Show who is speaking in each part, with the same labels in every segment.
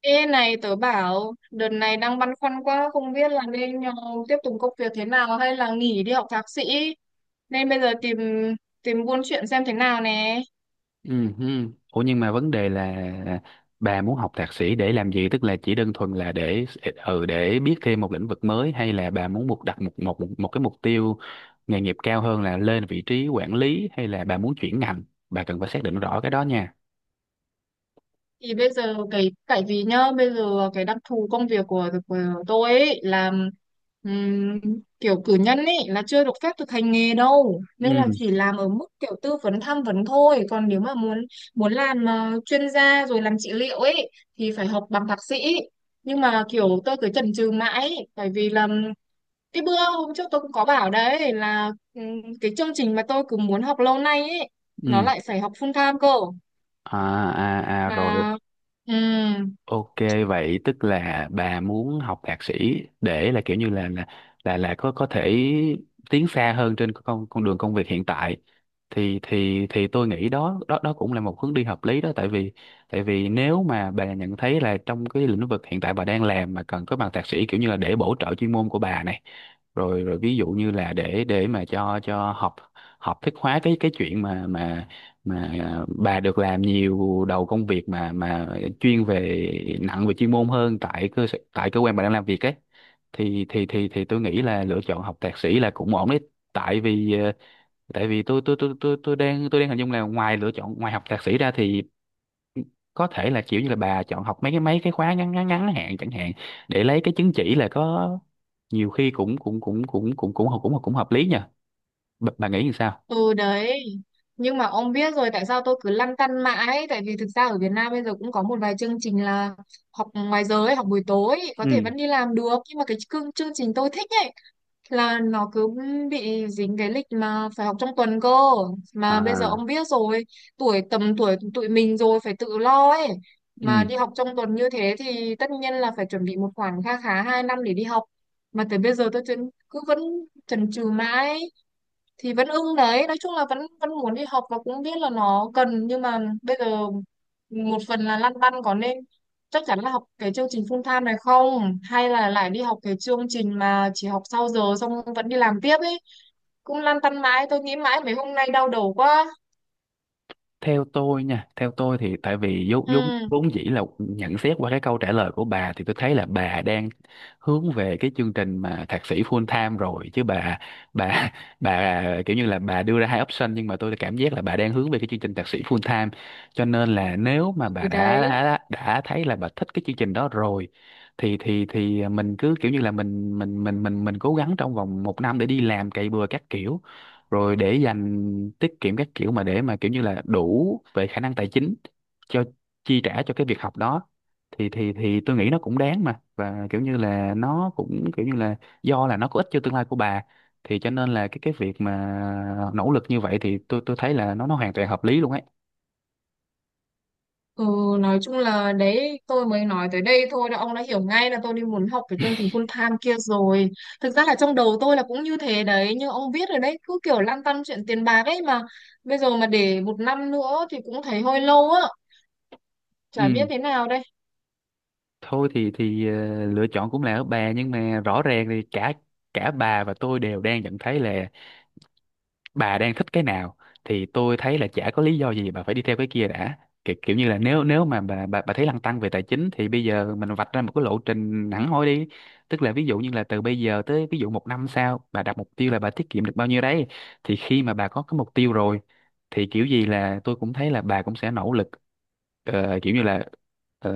Speaker 1: Ê này tớ bảo đợt này đang băn khoăn quá không biết là nên tiếp tục công việc thế nào hay là nghỉ đi học thạc sĩ, nên bây giờ tìm tìm buôn chuyện xem thế nào nè.
Speaker 2: Ừ. Ừ. Ủa nhưng mà vấn đề là bà muốn học thạc sĩ để làm gì? Tức là chỉ đơn thuần là để để biết thêm một lĩnh vực mới, hay là bà muốn đặt một cái mục tiêu nghề nghiệp cao hơn là lên vị trí quản lý, hay là bà muốn chuyển ngành? Bà cần phải xác định rõ cái đó nha.
Speaker 1: Thì bây giờ cái tại vì nhá, bây giờ cái đặc thù công việc của tôi ấy là ừm, kiểu cử nhân ấy là chưa được phép thực hành nghề đâu, nên là
Speaker 2: Ừ.
Speaker 1: chỉ làm ở mức kiểu tư vấn tham vấn thôi, còn nếu mà muốn muốn làm chuyên gia rồi làm trị liệu ấy thì phải học bằng thạc sĩ. Nhưng mà kiểu tôi cứ chần chừ mãi ấy, tại vì là cái bữa hôm trước tôi cũng có bảo đấy, là cái chương trình mà tôi cứ muốn học lâu nay ấy, nó
Speaker 2: Ừ.
Speaker 1: lại phải học full time cơ
Speaker 2: À à à rồi.
Speaker 1: mà. Ừ.
Speaker 2: Ok, vậy tức là bà muốn học thạc sĩ để là kiểu như là, là có thể tiến xa hơn trên con đường công việc hiện tại, thì tôi nghĩ đó đó đó cũng là một hướng đi hợp lý đó. Tại vì nếu mà bà nhận thấy là trong cái lĩnh vực hiện tại bà đang làm mà cần có bằng thạc sĩ, kiểu như là để bổ trợ chuyên môn của bà này, rồi rồi ví dụ như là để mà cho học học thức hóa cái chuyện mà bà được làm nhiều đầu công việc mà chuyên về, nặng về chuyên môn hơn tại tại cơ quan bà đang làm việc ấy, thì tôi nghĩ là lựa chọn học thạc sĩ là cũng ổn đấy. Tại vì tại vì tôi đang hình dung là ngoài lựa chọn, ngoài học thạc sĩ ra thì có thể là kiểu như là bà chọn học mấy cái khóa ngắn ngắn ngắn hạn chẳng hạn để lấy cái chứng chỉ, là có nhiều khi cũng cũng cũng cũng cũng cũng cũng cũng cũng hợp lý nha. Bà nghĩ như sao?
Speaker 1: Ừ đấy. Nhưng mà ông biết rồi tại sao tôi cứ lăn tăn mãi. Tại vì thực ra ở Việt Nam bây giờ cũng có một vài chương trình là học ngoài giờ ấy, học buổi tối ấy, có thể
Speaker 2: Ừ.
Speaker 1: vẫn đi làm được. Nhưng mà cái chương trình tôi thích ấy là nó cứ bị dính cái lịch mà phải học trong tuần cơ. Mà bây giờ
Speaker 2: À.
Speaker 1: ông biết rồi, tuổi tầm tuổi tụi mình rồi phải tự lo ấy,
Speaker 2: Ừ.
Speaker 1: mà đi học trong tuần như thế thì tất nhiên là phải chuẩn bị một khoản kha khá 2 năm để đi học. Mà tới bây giờ tôi cứ vẫn chần chừ mãi, thì vẫn ưng đấy, nói chung là vẫn vẫn muốn đi học và cũng biết là nó cần, nhưng mà bây giờ một phần là lăn tăn có nên chắc chắn là học cái chương trình full time này không, hay là lại đi học cái chương trình mà chỉ học sau giờ xong vẫn đi làm tiếp ấy. Cũng lăn tăn mãi, tôi nghĩ mãi mấy hôm nay đau đầu quá.
Speaker 2: Theo tôi nha, theo tôi thì tại vì vốn vốn
Speaker 1: Ừ.
Speaker 2: vốn dĩ là nhận xét qua cái câu trả lời của bà, thì tôi thấy là bà đang hướng về cái chương trình mà thạc sĩ full time rồi chứ bà. Bà bà kiểu như là bà đưa ra hai option, nhưng mà tôi cảm giác là bà đang hướng về cái chương trình thạc sĩ full time, cho nên là nếu mà bà
Speaker 1: Ừ, đấy.
Speaker 2: đã thấy là bà thích cái chương trình đó rồi, thì mình cứ kiểu như là mình cố gắng trong vòng một năm để đi làm, cày bừa các kiểu, rồi để dành, tiết kiệm các kiểu mà, để mà kiểu như là đủ về khả năng tài chính cho, chi trả cho cái việc học đó, thì tôi nghĩ nó cũng đáng mà. Và kiểu như là nó cũng kiểu như là do là nó có ích cho tương lai của bà, thì cho nên là cái việc mà nỗ lực như vậy thì tôi thấy là nó hoàn toàn hợp lý luôn ấy.
Speaker 1: Ừ, nói chung là đấy, tôi mới nói tới đây thôi đã, ông đã hiểu ngay là tôi đi muốn học cái chương trình full time kia rồi. Thực ra là trong đầu tôi là cũng như thế đấy, như ông biết rồi đấy, cứ kiểu lăn tăn chuyện tiền bạc ấy mà. Bây giờ mà để một năm nữa thì cũng thấy hơi lâu á, chả biết
Speaker 2: Ừ,
Speaker 1: thế nào đây.
Speaker 2: thôi thì lựa chọn cũng là ở bà, nhưng mà rõ ràng thì cả cả bà và tôi đều đang nhận thấy là bà đang thích cái nào, thì tôi thấy là chả có lý do gì bà phải đi theo cái kia đã. Kiểu như là nếu nếu mà bà thấy lăn tăn về tài chính, thì bây giờ mình vạch ra một cái lộ trình hẳn hoi đi. Tức là ví dụ như là từ bây giờ tới ví dụ một năm sau, bà đặt mục tiêu là bà tiết kiệm được bao nhiêu đấy, thì khi mà bà có cái mục tiêu rồi thì kiểu gì là tôi cũng thấy là bà cũng sẽ nỗ lực kiểu như là ờ,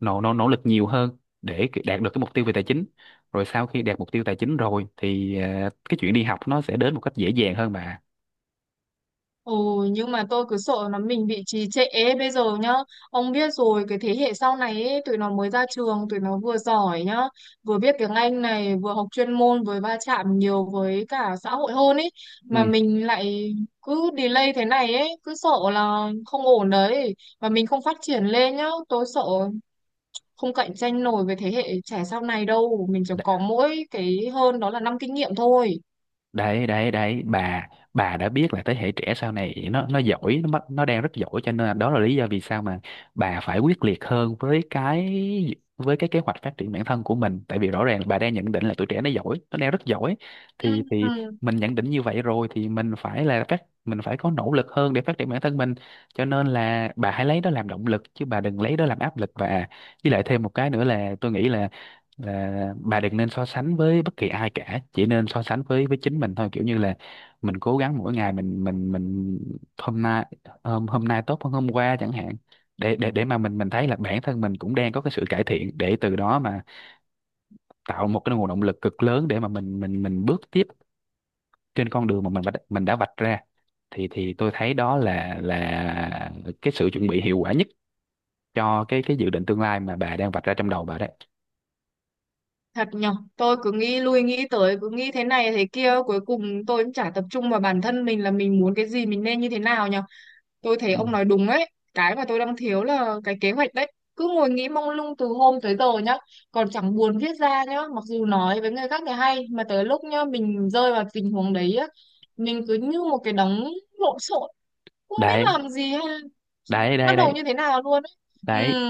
Speaker 2: nỗ nỗ nỗ lực nhiều hơn để đạt được cái mục tiêu về tài chính. Rồi sau khi đạt mục tiêu tài chính rồi thì cái chuyện đi học nó sẽ đến một cách dễ dàng hơn bà.
Speaker 1: Ồ, nhưng mà tôi cứ sợ là mình bị trì trệ ấy. Bây giờ nhá, ông biết rồi, cái thế hệ sau này ấy, tụi nó mới ra trường, tụi nó vừa giỏi nhá, vừa biết tiếng Anh này, vừa học chuyên môn, vừa va chạm nhiều với cả xã hội hơn ấy. Mà
Speaker 2: Ừ.
Speaker 1: mình lại cứ delay thế này ấy, cứ sợ là không ổn đấy. Và mình không phát triển lên nhá, tôi sợ không cạnh tranh nổi với thế hệ trẻ sau này đâu. Mình chỉ có mỗi cái hơn đó là năm kinh nghiệm thôi.
Speaker 2: đấy đấy đấy bà, đã biết là thế hệ trẻ sau này nó giỏi, nó đang rất giỏi, cho nên là đó là lý do vì sao mà bà phải quyết liệt hơn với cái, với cái kế hoạch phát triển bản thân của mình. Tại vì rõ ràng là bà đang nhận định là tuổi trẻ nó giỏi, nó đang rất giỏi, thì
Speaker 1: Ừ.
Speaker 2: mình nhận định như vậy rồi thì mình phải là mình phải có nỗ lực hơn để phát triển bản thân mình, cho nên là bà hãy lấy đó làm động lực chứ bà đừng lấy đó làm áp lực. Và với lại thêm một cái nữa là tôi nghĩ là bà đừng nên so sánh với bất kỳ ai cả, chỉ nên so sánh với chính mình thôi, kiểu như là mình cố gắng mỗi ngày, mình hôm nay hôm nay tốt hơn hôm qua chẳng hạn, để mà mình thấy là bản thân mình cũng đang có cái sự cải thiện, để từ đó mà tạo một cái nguồn động lực cực lớn để mà mình bước tiếp trên con đường mà mình đã vạch ra, thì tôi thấy đó là cái sự chuẩn bị hiệu quả nhất cho cái dự định tương lai mà bà đang vạch ra trong đầu bà đấy.
Speaker 1: Thật nhở, tôi cứ nghĩ lui nghĩ tới, cứ nghĩ thế này thế kia, cuối cùng tôi cũng chả tập trung vào bản thân mình là mình muốn cái gì, mình nên như thế nào nhở. Tôi thấy
Speaker 2: Ừ.
Speaker 1: ông nói đúng ấy, cái mà tôi đang thiếu là cái kế hoạch đấy. Cứ ngồi nghĩ mông lung từ hôm tới giờ nhá, còn chẳng buồn viết ra nhá, mặc dù nói với người khác thì hay, mà tới lúc nhá, mình rơi vào tình huống đấy á, mình cứ như một cái đống lộn xộn, không biết
Speaker 2: đấy
Speaker 1: làm gì hay
Speaker 2: đấy
Speaker 1: bắt
Speaker 2: đấy
Speaker 1: đầu
Speaker 2: đấy
Speaker 1: như thế nào luôn ấy. Ừ,
Speaker 2: đấy,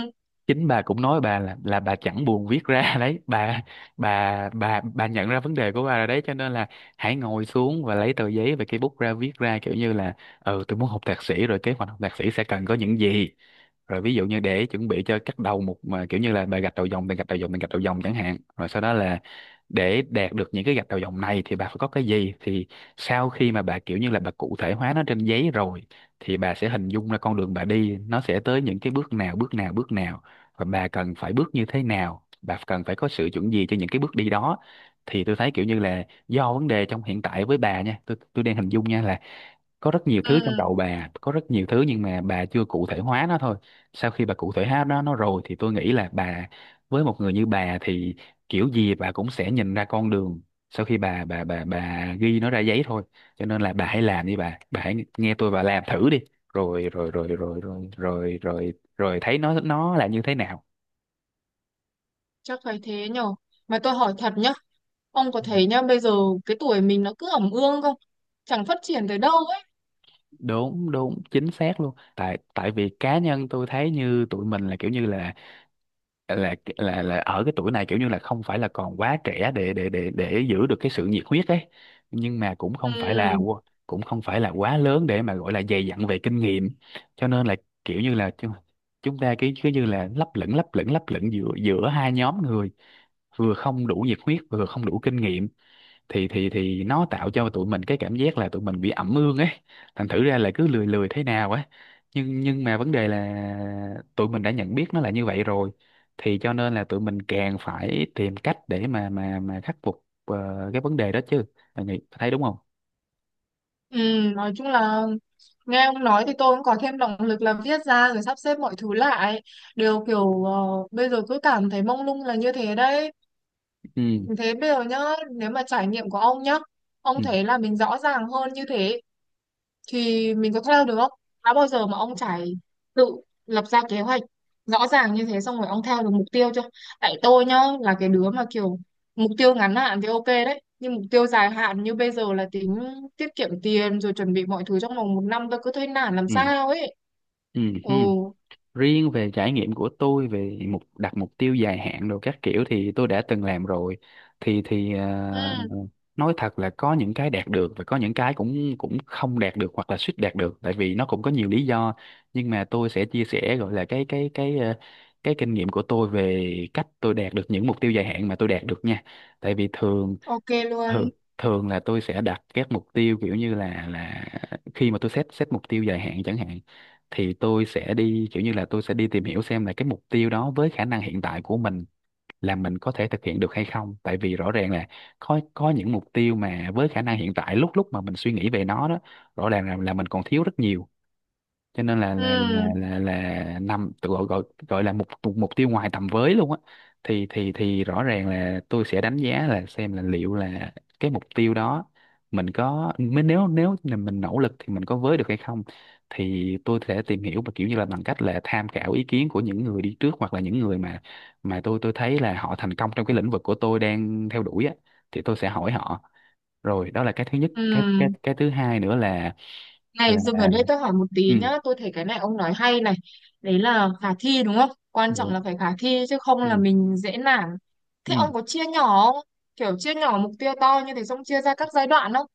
Speaker 2: chính bà cũng nói bà là bà chẳng buồn viết ra. Đấy bà, bà nhận ra vấn đề của bà rồi đấy, cho nên là hãy ngồi xuống và lấy tờ giấy và cây bút ra viết ra, kiểu như là ừ tôi muốn học thạc sĩ, rồi kế hoạch học thạc sĩ sẽ cần có những gì, rồi ví dụ như để chuẩn bị cho cắt đầu một, mà kiểu như là bà gạch đầu dòng chẳng hạn, rồi sau đó là để đạt được những cái gạch đầu dòng này thì bà phải có cái gì, thì sau khi mà bà kiểu như là bà cụ thể hóa nó trên giấy rồi thì bà sẽ hình dung ra con đường bà đi nó sẽ tới những cái bước nào, và bà cần phải bước như thế nào, bà cần phải có sự chuẩn gì cho những cái bước đi đó, thì tôi thấy kiểu như là do vấn đề trong hiện tại với bà nha, tôi đang hình dung nha là có rất nhiều
Speaker 1: ừ,
Speaker 2: thứ trong đầu bà, có rất nhiều thứ, nhưng mà bà chưa cụ thể hóa nó thôi. Sau khi bà cụ thể hóa nó rồi thì tôi nghĩ là với một người như bà thì kiểu gì bà cũng sẽ nhìn ra con đường sau khi bà ghi nó ra giấy thôi. Cho nên là bà hãy làm đi bà, hãy nghe tôi và làm thử đi, rồi rồi rồi rồi rồi rồi rồi rồi thấy nó là như thế nào.
Speaker 1: chắc phải thế nhở. Mà tôi hỏi thật nhá, ông có
Speaker 2: Ừ,
Speaker 1: thấy nhá, bây giờ cái tuổi mình nó cứ ẩm ương không? Chẳng phát triển tới đâu ấy.
Speaker 2: đúng đúng chính xác luôn. Tại tại vì cá nhân tôi thấy như tụi mình là kiểu như là là ở cái tuổi này, kiểu như là không phải là còn quá trẻ để giữ được cái sự nhiệt huyết ấy, nhưng mà cũng không phải là
Speaker 1: Ừ,
Speaker 2: cũng không phải là quá lớn để mà gọi là dày dặn về kinh nghiệm, cho nên là kiểu như là chúng chúng ta cứ cứ như là lấp lửng giữa giữa hai nhóm người, vừa không đủ nhiệt huyết vừa không đủ kinh nghiệm, thì nó tạo cho tụi mình cái cảm giác là tụi mình bị ẩm ương ấy, thành thử ra là cứ lười lười thế nào ấy. Nhưng mà vấn đề là tụi mình đã nhận biết nó là như vậy rồi, thì cho nên là tụi mình càng phải tìm cách để mà khắc phục cái vấn đề đó chứ. Bạn nghĩ thấy đúng không?
Speaker 1: ừ, nói chung là nghe ông nói thì tôi cũng có thêm động lực là viết ra rồi sắp xếp mọi thứ lại. Đều kiểu bây giờ cứ cảm thấy mông lung là như thế đấy.
Speaker 2: Ừ
Speaker 1: Thế bây giờ nhá, nếu mà trải nghiệm của ông nhá,
Speaker 2: ừ
Speaker 1: ông thấy là mình rõ ràng hơn như thế thì mình có theo được không? Đã bao giờ mà ông tự lập ra kế hoạch rõ ràng như thế xong rồi ông theo được mục tiêu chưa? Tại tôi nhá, là cái đứa mà kiểu mục tiêu ngắn hạn thì ok đấy, nhưng mục tiêu dài hạn như bây giờ là tính tiết kiệm tiền rồi chuẩn bị mọi thứ trong vòng một năm, tôi cứ thấy nản làm
Speaker 2: ừ
Speaker 1: sao ấy.
Speaker 2: ừ ừ.
Speaker 1: Ồ.
Speaker 2: Riêng về trải nghiệm của tôi về mục đặt mục tiêu dài hạn đồ các kiểu thì tôi đã từng làm rồi, thì thì
Speaker 1: Ừ,
Speaker 2: ờ, nói thật là có những cái đạt được và có những cái cũng cũng không đạt được hoặc là suýt đạt được, tại vì nó cũng có nhiều lý do. Nhưng mà tôi sẽ chia sẻ gọi là cái kinh nghiệm của tôi về cách tôi đạt được những mục tiêu dài hạn mà tôi đạt được nha. Tại vì thường
Speaker 1: ok luôn.
Speaker 2: thường thường là tôi sẽ đặt các mục tiêu kiểu như là khi mà tôi set set mục tiêu dài hạn chẳng hạn, thì tôi sẽ đi kiểu như là tôi sẽ đi tìm hiểu xem là cái mục tiêu đó với khả năng hiện tại của mình là mình có thể thực hiện được hay không. Tại vì rõ ràng là có những mục tiêu mà với khả năng hiện tại lúc lúc mà mình suy nghĩ về nó đó, rõ ràng là mình còn thiếu rất nhiều, cho nên là là
Speaker 1: Ừ,
Speaker 2: là là, là nằm tự gọi gọi gọi là mục mục mục tiêu ngoài tầm với luôn á. Thì rõ ràng là tôi sẽ đánh giá là xem là liệu là cái mục tiêu đó mình có mới nếu nếu là mình nỗ lực thì mình có với được hay không, thì tôi sẽ tìm hiểu và kiểu như là bằng cách là tham khảo ý kiến của những người đi trước hoặc là những người mà mà tôi thấy là họ thành công trong cái lĩnh vực của tôi đang theo đuổi á, thì tôi sẽ hỏi họ. Rồi đó là cái thứ nhất,
Speaker 1: ừ.
Speaker 2: cái thứ hai nữa
Speaker 1: Này,
Speaker 2: là
Speaker 1: dừng ở đây tôi hỏi một tí
Speaker 2: ừ,
Speaker 1: nhá, tôi thấy cái này ông nói hay này. Đấy là khả thi đúng không? Quan trọng
Speaker 2: được.
Speaker 1: là phải khả thi chứ không là
Speaker 2: Ừ.
Speaker 1: mình dễ nản. Thế
Speaker 2: Ừ,
Speaker 1: ông có chia nhỏ không? Kiểu chia nhỏ mục tiêu to như thế xong chia ra các giai đoạn không?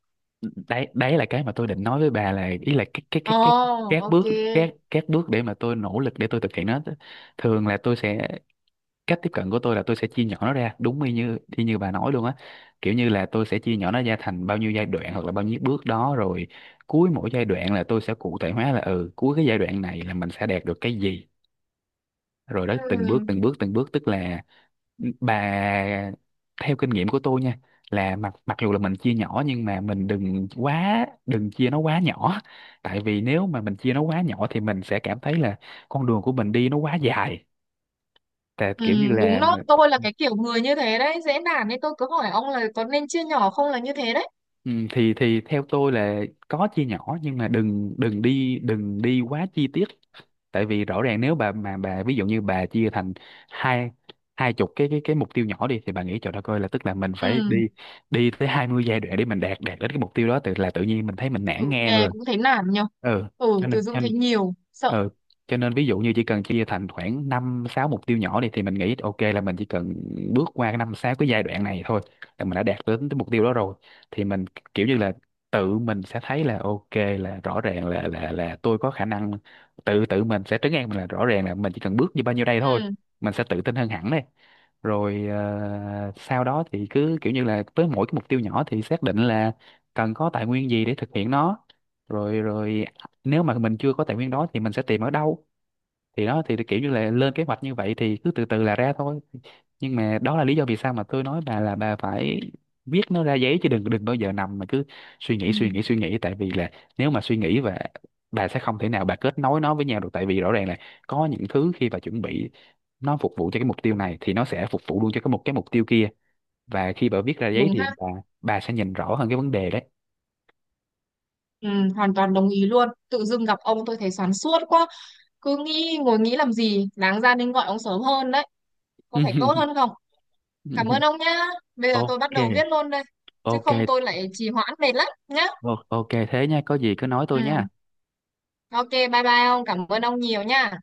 Speaker 2: đấy đấy là cái mà tôi định nói với bà, là ý là
Speaker 1: Ồ,
Speaker 2: các
Speaker 1: ok.
Speaker 2: bước các bước để mà tôi nỗ lực để tôi thực hiện nó. Thường là tôi sẽ, cách tiếp cận của tôi là tôi sẽ chia nhỏ nó ra đúng y như bà nói luôn á, kiểu như là tôi sẽ chia nhỏ nó ra thành bao nhiêu giai đoạn hoặc là bao nhiêu bước đó, rồi cuối mỗi giai đoạn là tôi sẽ cụ thể hóa là ừ, cuối cái giai đoạn này là mình sẽ đạt được cái gì, rồi đó từng bước
Speaker 1: Ừ.
Speaker 2: từng bước từng bước tức là bà, theo kinh nghiệm của tôi nha, là mặc mặc dù là mình chia nhỏ nhưng mà mình đừng quá, đừng chia nó quá nhỏ. Tại vì nếu mà mình chia nó quá nhỏ thì mình sẽ cảm thấy là con đường của mình đi nó quá dài, tại
Speaker 1: Ừ,
Speaker 2: kiểu như
Speaker 1: đúng
Speaker 2: là
Speaker 1: đó,
Speaker 2: mình-
Speaker 1: tôi là cái kiểu người như thế đấy, dễ nản nên tôi cứ hỏi ông là có nên chia nhỏ không là như thế đấy.
Speaker 2: ừ, thì theo tôi là có chia nhỏ nhưng mà đừng đừng đi đừng đi quá chi tiết. Tại vì rõ ràng nếu bà mà bà ví dụ như bà chia thành hai 20 cái mục tiêu nhỏ đi, thì bà nghĩ trời đất ơi, là tức là mình phải đi
Speaker 1: Ừ,
Speaker 2: đi tới 20 giai đoạn để mình đạt đạt đến cái mục tiêu đó, tự là tự nhiên mình thấy mình
Speaker 1: thử
Speaker 2: nản ngang
Speaker 1: nghe
Speaker 2: rồi.
Speaker 1: cũng thấy nản nhở.
Speaker 2: Ừ,
Speaker 1: Ừ,
Speaker 2: cho nên
Speaker 1: từ
Speaker 2: cho
Speaker 1: dưng
Speaker 2: nên,
Speaker 1: thấy nhiều, sợ.
Speaker 2: ừ, cho nên ví dụ như chỉ cần chia thành khoảng năm sáu mục tiêu nhỏ đi, thì mình nghĩ ok là mình chỉ cần bước qua cái năm sáu cái giai đoạn này thôi là mình đã đạt đến cái mục tiêu đó rồi. Thì mình kiểu như là tự mình sẽ thấy là ok, là rõ ràng là tôi có khả năng, tự tự mình sẽ trấn an mình là rõ ràng là mình chỉ cần bước như bao nhiêu đây
Speaker 1: Ừ,
Speaker 2: thôi, mình sẽ tự tin hơn hẳn đấy. Rồi sau đó thì cứ kiểu như là với mỗi cái mục tiêu nhỏ thì xác định là cần có tài nguyên gì để thực hiện nó, rồi rồi à, nếu mà mình chưa có tài nguyên đó thì mình sẽ tìm ở đâu, thì đó thì kiểu như là lên kế hoạch như vậy thì cứ từ từ là ra thôi. Nhưng mà đó là lý do vì sao mà tôi nói bà là bà phải viết nó ra giấy, chứ đừng đừng bao giờ nằm mà cứ suy
Speaker 1: ừ,
Speaker 2: nghĩ suy nghĩ suy nghĩ tại vì là nếu mà suy nghĩ và bà sẽ không thể nào bà kết nối nó với nhau được. Tại vì rõ ràng là có những thứ khi bà chuẩn bị nó phục vụ cho cái mục tiêu này thì nó sẽ phục vụ luôn cho một cái mục tiêu kia, và khi bà viết ra giấy
Speaker 1: đúng
Speaker 2: thì
Speaker 1: ha.
Speaker 2: bà sẽ nhìn rõ hơn cái vấn đề đấy.
Speaker 1: Ừ, hoàn toàn đồng ý luôn. Tự dưng gặp ông tôi thấy xoắn suốt quá. Cứ nghĩ ngồi nghĩ làm gì, đáng ra nên gọi ông sớm hơn đấy. Có phải tốt hơn không? Cảm ơn ông nhá. Bây giờ tôi bắt
Speaker 2: Ok.
Speaker 1: đầu viết luôn đây. Chứ không
Speaker 2: Ok.
Speaker 1: tôi lại trì hoãn mệt lắm nhá.
Speaker 2: Ok thế nha, có gì cứ nói
Speaker 1: Ừ,
Speaker 2: tôi nha.
Speaker 1: ok, bye bye ông. Cảm ơn ông nhiều nhá.